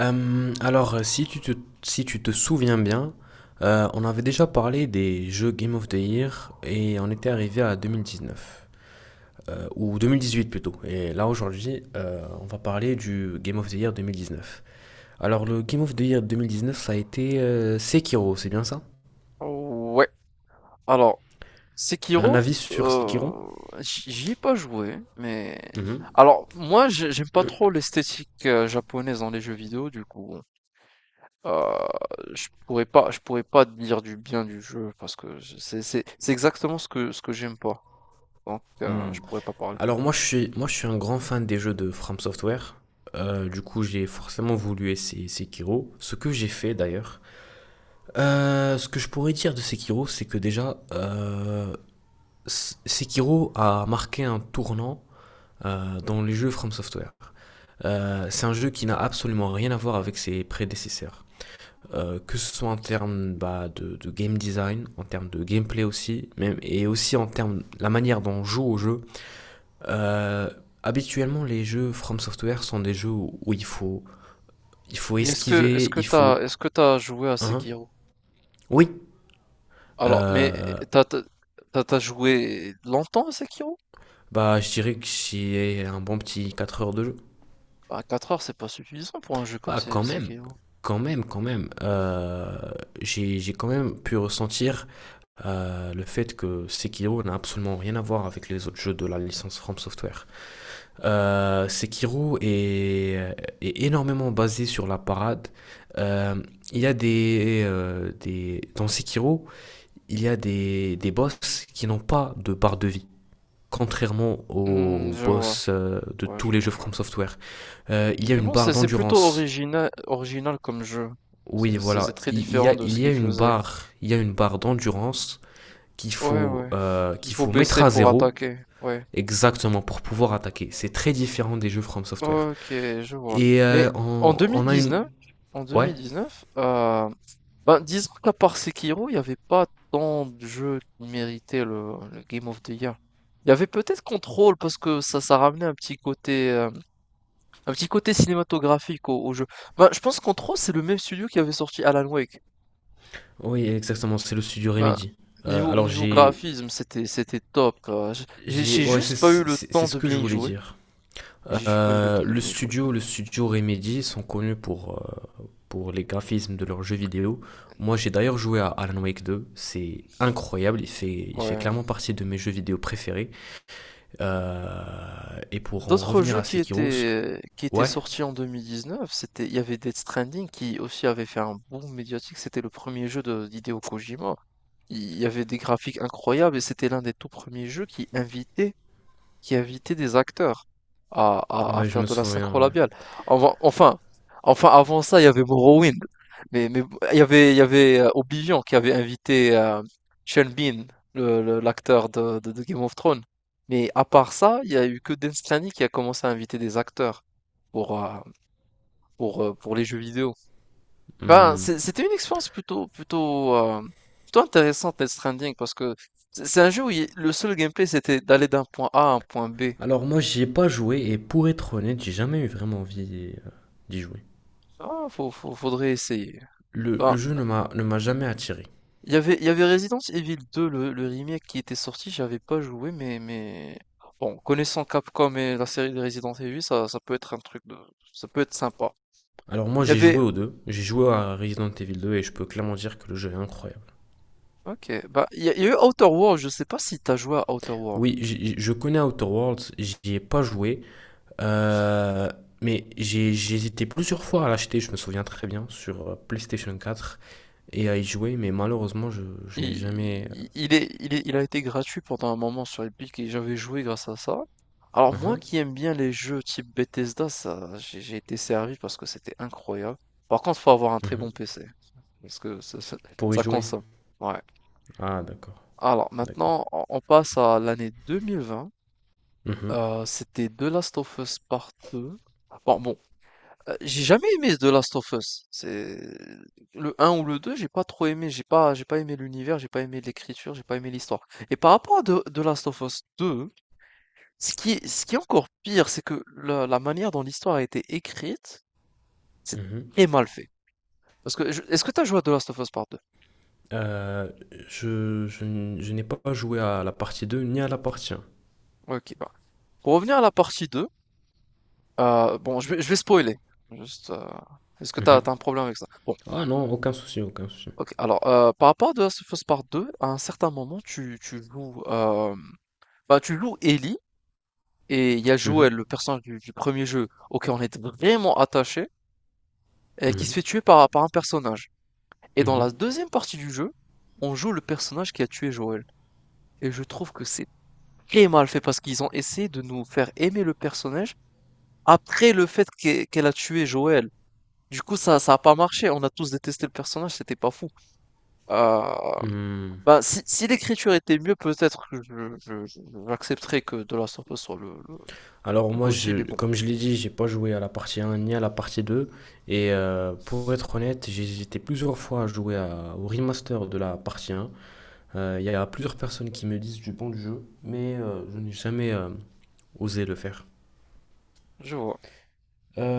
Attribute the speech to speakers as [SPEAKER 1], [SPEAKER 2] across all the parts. [SPEAKER 1] Alors, si tu te souviens bien, on avait déjà parlé des jeux Game of the Year et on était arrivé à 2019, ou 2018 plutôt. Et là, aujourd'hui, on va parler du Game of the Year 2019. Alors, le Game of the Year 2019, ça a été Sekiro, c'est bien ça?
[SPEAKER 2] Ouais, alors
[SPEAKER 1] Un
[SPEAKER 2] Sekiro,
[SPEAKER 1] avis sur
[SPEAKER 2] heu,
[SPEAKER 1] Sekiro?
[SPEAKER 2] j'y ai pas joué, mais
[SPEAKER 1] Mhm.
[SPEAKER 2] alors moi j'aime pas trop l'esthétique, japonaise dans les jeux vidéo. Du coup, je pourrais pas dire du bien du jeu, parce que je c'est exactement ce que j'aime pas. Donc,
[SPEAKER 1] Hmm.
[SPEAKER 2] je pourrais pas parler.
[SPEAKER 1] Alors, moi, je suis un grand fan des jeux de From Software. Du coup, j'ai forcément voulu essayer Sekiro, ce que j'ai fait d'ailleurs. Ce que je pourrais dire de Sekiro, c'est que déjà, Sekiro a marqué un tournant dans les jeux From Software. C'est un jeu qui n'a absolument rien à voir avec ses prédécesseurs. Que ce soit en termes bah, de game design, en termes de gameplay aussi, même, et aussi en termes de la manière dont on joue au jeu. Euh, Habituellement, les jeux From Software sont des jeux où il faut
[SPEAKER 2] Mais
[SPEAKER 1] esquiver, il faut...
[SPEAKER 2] est-ce que t'as joué à
[SPEAKER 1] Hein,
[SPEAKER 2] Sekiro?
[SPEAKER 1] oui,
[SPEAKER 2] Alors, mais
[SPEAKER 1] euh,
[SPEAKER 2] t'as t'as tu as joué longtemps à Sekiro?
[SPEAKER 1] bah, je dirais que j'ai un bon petit 4 heures de jeu.
[SPEAKER 2] Bah, 4 heures, c'est pas suffisant pour un jeu comme
[SPEAKER 1] Bah,
[SPEAKER 2] Se
[SPEAKER 1] quand même,
[SPEAKER 2] Sekiro.
[SPEAKER 1] quand même, quand même. J'ai quand même pu ressentir le fait que Sekiro n'a absolument rien à voir avec les autres jeux de la licence From Software. Sekiro est énormément basé sur la parade. Euh, il y a des... Dans Sekiro, il y a des boss qui n'ont pas de barre de vie, contrairement
[SPEAKER 2] Mmh,
[SPEAKER 1] au
[SPEAKER 2] je vois.
[SPEAKER 1] boss de
[SPEAKER 2] Ouais, je
[SPEAKER 1] tous les jeux
[SPEAKER 2] vois, je
[SPEAKER 1] From
[SPEAKER 2] vois.
[SPEAKER 1] Software. Il y a
[SPEAKER 2] Mais
[SPEAKER 1] une
[SPEAKER 2] bon,
[SPEAKER 1] barre
[SPEAKER 2] c'est plutôt
[SPEAKER 1] d'endurance.
[SPEAKER 2] original, original comme jeu.
[SPEAKER 1] Oui,
[SPEAKER 2] C'est
[SPEAKER 1] voilà,
[SPEAKER 2] très
[SPEAKER 1] il y
[SPEAKER 2] différent
[SPEAKER 1] a,
[SPEAKER 2] de
[SPEAKER 1] il
[SPEAKER 2] ce
[SPEAKER 1] y a
[SPEAKER 2] qu'il
[SPEAKER 1] une
[SPEAKER 2] faisait.
[SPEAKER 1] barre, il y a une barre d'endurance qu'il
[SPEAKER 2] Ouais,
[SPEAKER 1] faut,
[SPEAKER 2] ouais.
[SPEAKER 1] euh,
[SPEAKER 2] Il
[SPEAKER 1] qu'il
[SPEAKER 2] faut
[SPEAKER 1] faut mettre
[SPEAKER 2] baisser
[SPEAKER 1] à
[SPEAKER 2] pour
[SPEAKER 1] zéro
[SPEAKER 2] attaquer. Ouais.
[SPEAKER 1] exactement pour pouvoir attaquer. C'est très différent des jeux From Software.
[SPEAKER 2] Ok, je vois.
[SPEAKER 1] Et
[SPEAKER 2] Mais en
[SPEAKER 1] on a une,
[SPEAKER 2] 2019, en
[SPEAKER 1] ouais,
[SPEAKER 2] 2019, euh, ben, disons qu'à part Sekiro, il n'y avait pas tant de jeux qui méritaient le Game of the Year. Il y avait peut-être Control parce que ça ramenait un petit côté, cinématographique au jeu. Ben, je pense que Control, c'est le même studio qui avait sorti Alan Wake.
[SPEAKER 1] oui, exactement, c'est le studio
[SPEAKER 2] Bah,
[SPEAKER 1] Remedy. Alors
[SPEAKER 2] niveau graphisme, c'était top. euh, j'- J'ai j'ai
[SPEAKER 1] ouais,
[SPEAKER 2] juste
[SPEAKER 1] c'est
[SPEAKER 2] pas eu le
[SPEAKER 1] c'est- c'est
[SPEAKER 2] temps
[SPEAKER 1] ce
[SPEAKER 2] de
[SPEAKER 1] que
[SPEAKER 2] bien
[SPEAKER 1] je
[SPEAKER 2] y
[SPEAKER 1] voulais
[SPEAKER 2] jouer.
[SPEAKER 1] dire.
[SPEAKER 2] J'ai juste pas eu le temps de
[SPEAKER 1] Le
[SPEAKER 2] bien y jouer.
[SPEAKER 1] studio, le studio Remedy sont connus euh, pour les graphismes de leurs jeux vidéo. Moi, j'ai d'ailleurs joué à Alan Wake 2. C'est incroyable. Il fait
[SPEAKER 2] Ouais.
[SPEAKER 1] clairement partie de mes jeux vidéo préférés. Et pour en
[SPEAKER 2] D'autres
[SPEAKER 1] revenir
[SPEAKER 2] jeux
[SPEAKER 1] à Sekiro,
[SPEAKER 2] qui étaient
[SPEAKER 1] ouais,
[SPEAKER 2] sortis en 2019, c'était il y avait Death Stranding, qui aussi avait fait un boom médiatique. C'était le premier jeu de d'Hideo Kojima. Il y avait des graphiques incroyables, et c'était l'un des tout premiers jeux qui invitait des acteurs à
[SPEAKER 1] ouais, je
[SPEAKER 2] faire
[SPEAKER 1] me
[SPEAKER 2] de la
[SPEAKER 1] souviens,
[SPEAKER 2] synchro
[SPEAKER 1] ouais.
[SPEAKER 2] labiale. Enfin, enfin, enfin, avant ça, il y avait Morrowind. Mais il y avait Oblivion, qui avait invité Sean Bean, l'acteur de Game of Thrones. Mais à part ça, il y a eu que Dan Slany qui a commencé à inviter des acteurs pour, euh, pour les jeux vidéo. Ben,
[SPEAKER 1] Hmm.
[SPEAKER 2] c'est- c'était une expérience plutôt intéressante, Death Stranding, parce que c'est un jeu où le seul gameplay, c'était d'aller d'un point A à un point B.
[SPEAKER 1] Alors moi, j'y ai pas joué et pour être honnête, j'ai jamais eu vraiment envie d'y jouer.
[SPEAKER 2] Ah, faudrait essayer.
[SPEAKER 1] Le
[SPEAKER 2] Enfin,
[SPEAKER 1] jeu ne m'a jamais attiré.
[SPEAKER 2] il y avait Resident Evil 2, le remake qui était sorti, j'avais pas joué, mais... Bon, connaissant Capcom et la série de Resident Evil, ça peut être un truc de... Ça peut être sympa.
[SPEAKER 1] Alors moi,
[SPEAKER 2] Il y
[SPEAKER 1] j'ai joué
[SPEAKER 2] avait...
[SPEAKER 1] aux deux. J'ai joué à Resident Evil 2 et je peux clairement dire que le jeu est incroyable.
[SPEAKER 2] Ok, bah, il y a eu Outer world. Je sais pas si t'as joué à Outer world.
[SPEAKER 1] Oui, je connais Outer Worlds, j'y ai pas joué, euh, mais j'ai hésité plusieurs fois à l'acheter, je me souviens très bien, sur PlayStation 4 et à y jouer, mais malheureusement, je n'ai
[SPEAKER 2] Il,
[SPEAKER 1] jamais.
[SPEAKER 2] il, il est, il est- il a été gratuit pendant un moment sur Epic, et j'avais joué grâce à ça. Alors moi
[SPEAKER 1] Uhum,
[SPEAKER 2] qui aime bien les jeux type Bethesda, ça, j'ai été servi, parce que c'était incroyable. Par contre, faut avoir un très bon
[SPEAKER 1] uhum.
[SPEAKER 2] PC. Parce que
[SPEAKER 1] Pour y
[SPEAKER 2] ça
[SPEAKER 1] jouer.
[SPEAKER 2] consomme. Ouais.
[SPEAKER 1] Ah, d'accord,
[SPEAKER 2] Alors
[SPEAKER 1] d'accord.
[SPEAKER 2] maintenant, on passe à l'année 2020.
[SPEAKER 1] Uhum,
[SPEAKER 2] C'était The Last of Us Part deux. Bon, j'ai jamais aimé The Last of Us, c'est le un ou le 2. J'ai pas trop aimé. J'ai pas aimé l'univers, j'ai pas aimé l'écriture, j'ai pas aimé l'histoire. Et par rapport à The Last of Us 2, ce qui est encore pire, c'est que la manière dont l'histoire a été écrite, c'est
[SPEAKER 1] uhum.
[SPEAKER 2] très mal fait. Parce que, est-ce que tu as joué à The Last of Us Part deux?
[SPEAKER 1] Euh, je n'ai pas joué à la partie 2 ni à la partie 1.
[SPEAKER 2] Ok, bah. Pour revenir à la partie 2. Bon, je vais spoiler, juste, est-ce que t'as as
[SPEAKER 1] Mhm.
[SPEAKER 2] un problème avec ça? Bon,
[SPEAKER 1] Ah non, aucun souci, aucun souci.
[SPEAKER 2] OK. Alors, par rapport à The Last of Us Part 2, à un certain moment, bah, tu joues Ellie, et il y a Joël,
[SPEAKER 1] Mhm,
[SPEAKER 2] le personnage du 1er jeu, auquel on est vraiment attaché, et qui
[SPEAKER 1] mhm,
[SPEAKER 2] se fait tuer par un personnage. Et dans la
[SPEAKER 1] mhm,
[SPEAKER 2] deuxième partie du jeu, on joue le personnage qui a tué Joël, et je trouve que c'est très mal fait, parce qu'ils ont essayé de nous faire aimer le personnage après le fait qu'elle a tué Joël. Du coup, ça a pas marché. On a tous détesté le personnage, c'était pas fou. Heu,
[SPEAKER 1] mhm.
[SPEAKER 2] Bah, si l'écriture était mieux, peut-être que je j'accepterais que De La of soit
[SPEAKER 1] Alors
[SPEAKER 2] le
[SPEAKER 1] moi,
[SPEAKER 2] GOTY,
[SPEAKER 1] je,
[SPEAKER 2] mais bon,
[SPEAKER 1] comme je l'ai dit, j'ai pas joué à la partie 1 ni à la partie 2. Et pour être honnête, j'ai hésité plusieurs fois à jouer au remaster de la partie 1. Il y a plusieurs personnes qui me disent du bon du jeu, mais je n'ai jamais osé le faire.
[SPEAKER 2] je vois.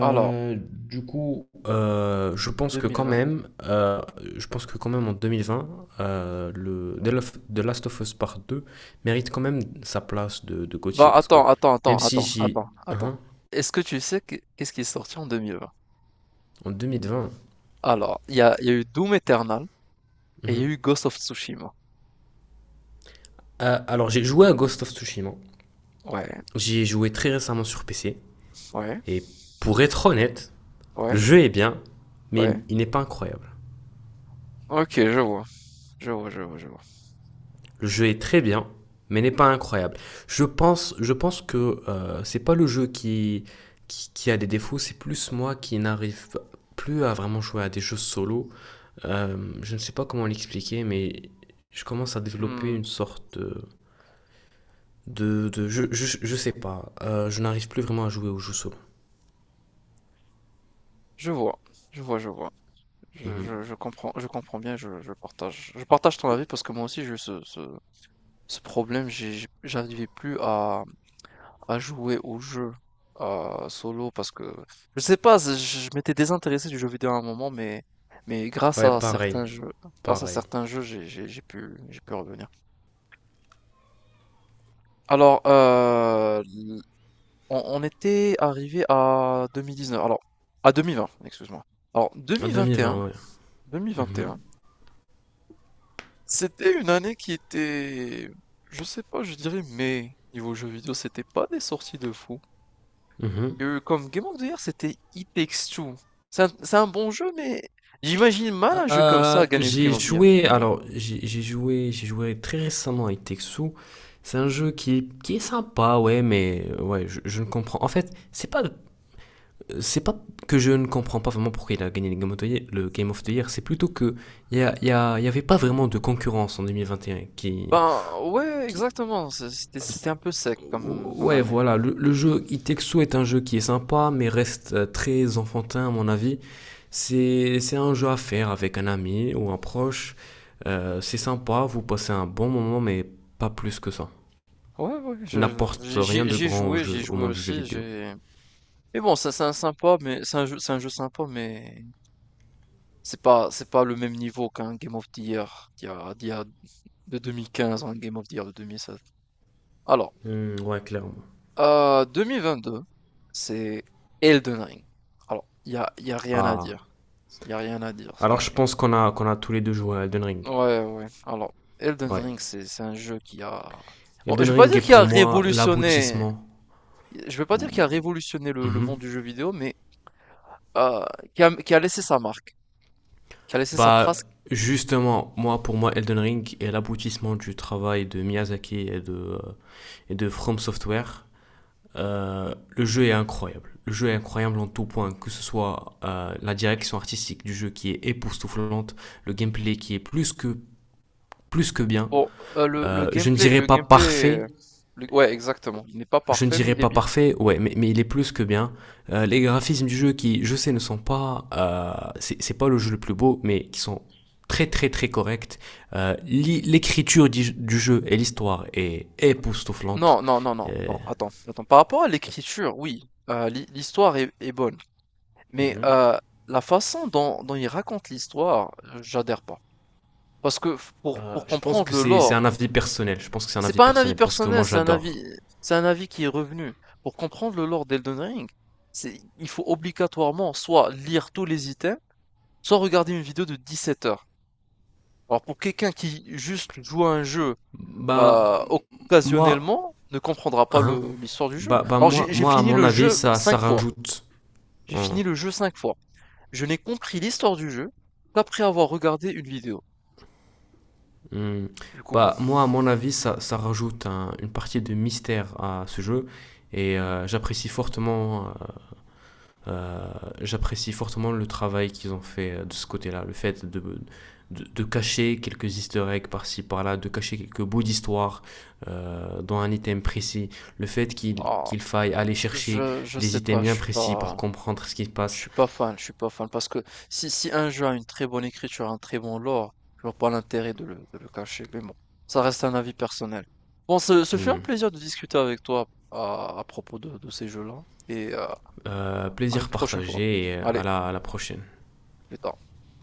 [SPEAKER 2] Alors,
[SPEAKER 1] du coup,
[SPEAKER 2] 2020.
[SPEAKER 1] je pense que quand même en 2020, le The Last of Us Part 2 mérite quand même sa place de GOTY
[SPEAKER 2] Bah,
[SPEAKER 1] parce que
[SPEAKER 2] attends, attends, attends,
[SPEAKER 1] même si
[SPEAKER 2] attends,
[SPEAKER 1] j'y...
[SPEAKER 2] attends, attends.
[SPEAKER 1] Hein,
[SPEAKER 2] Est-ce que tu sais qu'est-ce qui est sorti en 2020?
[SPEAKER 1] en 2020.
[SPEAKER 2] Alors, il y a eu Doom Eternal et il y a
[SPEAKER 1] Mhm.
[SPEAKER 2] eu Ghost of Tsushima.
[SPEAKER 1] Alors, j'ai joué à Ghost of Tsushima.
[SPEAKER 2] Ouais,
[SPEAKER 1] J'y ai joué très récemment sur PC.
[SPEAKER 2] ouais,
[SPEAKER 1] Et pour être honnête, le
[SPEAKER 2] ouais,
[SPEAKER 1] jeu est bien, mais
[SPEAKER 2] ouais.
[SPEAKER 1] il n'est pas incroyable.
[SPEAKER 2] OK, je vois, je vois, je vois, je vois.
[SPEAKER 1] Le jeu est très bien, mais n'est pas incroyable. Je pense que c'est pas le jeu qui a des défauts, c'est plus moi qui n'arrive plus à vraiment jouer à des jeux solo. Je ne sais pas comment l'expliquer, mais je commence à développer
[SPEAKER 2] Mmh,
[SPEAKER 1] une sorte de. Je sais pas. Je n'arrive plus vraiment à jouer aux jeux solo.
[SPEAKER 2] je vois, je vois, je vois. Je je
[SPEAKER 1] Mhm.
[SPEAKER 2] je comprends je comprends bien, je partage ton avis, parce que moi aussi j'ai eu ce problème. J'arrivais plus à jouer au jeu, solo, parce que je sais pas, je m'étais désintéressé du jeu vidéo à un moment, mais grâce
[SPEAKER 1] Ouais,
[SPEAKER 2] à
[SPEAKER 1] pareil.
[SPEAKER 2] certains jeux,
[SPEAKER 1] Pareil.
[SPEAKER 2] j'ai pu revenir. Alors, l on était arrivé à 2019, alors à 2020, excuse-moi. Alors
[SPEAKER 1] En
[SPEAKER 2] 2021-2021.
[SPEAKER 1] 2020, ouais. Mhm.
[SPEAKER 2] C'était une année qui était, je sais pas, je dirais, mais niveau jeux vidéo, c'était pas des sorties de fou.
[SPEAKER 1] Mhm.
[SPEAKER 2] Il y a eu comme Game of the Year, c'était It Takes Two. C'est un bon jeu, mais j'imagine mal un jeu comme ça gagner le Game
[SPEAKER 1] J'ai
[SPEAKER 2] of the Year.
[SPEAKER 1] joué, alors j'ai joué très récemment avec Texu. C'est un jeu qui est sympa, ouais, mais ouais, je ne comprends. En fait, c'est pas que je ne comprends pas vraiment pourquoi il a gagné le Game of the Year, c'est plutôt que il y avait pas vraiment de concurrence en 2021
[SPEAKER 2] Ben, ouais,
[SPEAKER 1] qui,
[SPEAKER 2] exactement. C'était un peu sec comme,
[SPEAKER 1] Ouais,
[SPEAKER 2] année.
[SPEAKER 1] voilà, le jeu Itexo est un jeu qui est sympa, mais reste très enfantin à mon avis. C'est un jeu à faire avec un ami ou un proche. C'est sympa, vous passez un bon moment, mais pas plus que ça.
[SPEAKER 2] Ouais, ouais,
[SPEAKER 1] Il n'apporte rien de grand au
[SPEAKER 2] j'y ai
[SPEAKER 1] jeu, au
[SPEAKER 2] joué
[SPEAKER 1] monde du jeu
[SPEAKER 2] aussi.
[SPEAKER 1] vidéo.
[SPEAKER 2] J'ai. Mais bon, ça c'est un sympa, mais c'est un jeu sympa, mais c'est pas le même niveau qu'un Game of the Year d'il y a de 2015, hein, Game of the Year de 2016. Alors,
[SPEAKER 1] Hmm, ouais, clairement.
[SPEAKER 2] 2022, c'est Elden Ring. Alors, y a rien à
[SPEAKER 1] Ah,
[SPEAKER 2] dire. Il y a rien à dire.
[SPEAKER 1] alors je pense qu'on a tous les deux joué à Elden Ring.
[SPEAKER 2] Ouais, ouais. Alors, Elden
[SPEAKER 1] Ouais.
[SPEAKER 2] Ring, c'est un jeu qui a... Bon, je
[SPEAKER 1] Elden
[SPEAKER 2] vais pas
[SPEAKER 1] Ring
[SPEAKER 2] dire
[SPEAKER 1] est
[SPEAKER 2] qu'il
[SPEAKER 1] pour
[SPEAKER 2] a
[SPEAKER 1] moi
[SPEAKER 2] révolutionné...
[SPEAKER 1] l'aboutissement.
[SPEAKER 2] Je vais pas dire qu'il a révolutionné le
[SPEAKER 1] Mhm.
[SPEAKER 2] monde du jeu vidéo, mais euh, qui a qui a laissé sa marque, qui a laissé sa
[SPEAKER 1] Bah,
[SPEAKER 2] trace.
[SPEAKER 1] justement, moi, pour moi, Elden Ring est l'aboutissement du travail de Miyazaki et de From Software. Le jeu est incroyable. Le jeu est incroyable en tout point, que ce soit la direction artistique du jeu qui est époustouflante, le gameplay qui est plus que bien.
[SPEAKER 2] Bon,
[SPEAKER 1] Euh, je ne dirais
[SPEAKER 2] le
[SPEAKER 1] pas
[SPEAKER 2] gameplay...
[SPEAKER 1] parfait,
[SPEAKER 2] Ouais, exactement. Il n'est pas
[SPEAKER 1] je ne
[SPEAKER 2] parfait, mais
[SPEAKER 1] dirais
[SPEAKER 2] il est
[SPEAKER 1] pas
[SPEAKER 2] bien.
[SPEAKER 1] parfait, ouais, mais il est plus que bien. Les graphismes du jeu qui, je sais, ne sont pas, c'est pas le jeu le plus beau, mais qui sont très très très corrects. Euh, L'écriture du jeu et l'histoire est époustouflante.
[SPEAKER 2] Non, non, non, non,
[SPEAKER 1] Et-
[SPEAKER 2] non, attends, attends. Par rapport à l'écriture, oui, l'histoire est bonne, mais
[SPEAKER 1] Mm-hmm.
[SPEAKER 2] la façon dont, il raconte l'histoire, j'adhère pas. Parce que pour
[SPEAKER 1] Je pense
[SPEAKER 2] comprendre
[SPEAKER 1] que
[SPEAKER 2] le
[SPEAKER 1] c'est
[SPEAKER 2] lore,
[SPEAKER 1] un avis personnel. Je pense que c'est un
[SPEAKER 2] c'est
[SPEAKER 1] avis
[SPEAKER 2] pas un avis
[SPEAKER 1] personnel parce que
[SPEAKER 2] personnel,
[SPEAKER 1] moi j'adore.
[SPEAKER 2] c'est un avis qui est revenu. Pour comprendre le lore d'Elden Ring, il faut obligatoirement soit lire tous les items, soit regarder une vidéo de 17 heures. Alors pour quelqu'un qui juste joue à un jeu
[SPEAKER 1] Bah moi,
[SPEAKER 2] occasionnellement, ne comprendra pas
[SPEAKER 1] hein,
[SPEAKER 2] le l'histoire du jeu.
[SPEAKER 1] bah
[SPEAKER 2] Alors
[SPEAKER 1] moi
[SPEAKER 2] j'ai
[SPEAKER 1] moi à
[SPEAKER 2] fini
[SPEAKER 1] mon
[SPEAKER 2] le
[SPEAKER 1] avis
[SPEAKER 2] jeu
[SPEAKER 1] ça
[SPEAKER 2] 5 fois,
[SPEAKER 1] rajoute.
[SPEAKER 2] j'ai
[SPEAKER 1] Hein.
[SPEAKER 2] fini le jeu 5 fois. Je n'ai compris l'histoire du jeu qu'après avoir regardé une vidéo.
[SPEAKER 1] Hmm.
[SPEAKER 2] Du coup, bon,
[SPEAKER 1] Bah, moi, à mon avis, ça rajoute une partie de mystère à ce jeu et euh, j'apprécie fortement le travail qu'ils ont fait de ce côté-là, le fait de cacher quelques easter eggs par-ci, par-là, de cacher quelques bouts d'histoire dans un item précis, le fait qu'il
[SPEAKER 2] ah,
[SPEAKER 1] qu'il faille aller chercher
[SPEAKER 2] je
[SPEAKER 1] des
[SPEAKER 2] sais
[SPEAKER 1] items
[SPEAKER 2] pas,
[SPEAKER 1] bien précis pour comprendre ce qui se passe.
[SPEAKER 2] je suis pas fan, parce que si un jeu a une très bonne écriture, un très bon lore, je vois pas l'intérêt de le cacher, mais bon, ça reste un avis personnel. Bon, ce fut un
[SPEAKER 1] Hmm.
[SPEAKER 2] plaisir de discuter avec toi à propos de ces jeux-là, et à une
[SPEAKER 1] Plaisir
[SPEAKER 2] prochaine fois.
[SPEAKER 1] partagé et à
[SPEAKER 2] Allez,
[SPEAKER 1] la, à la prochaine.
[SPEAKER 2] plus tard.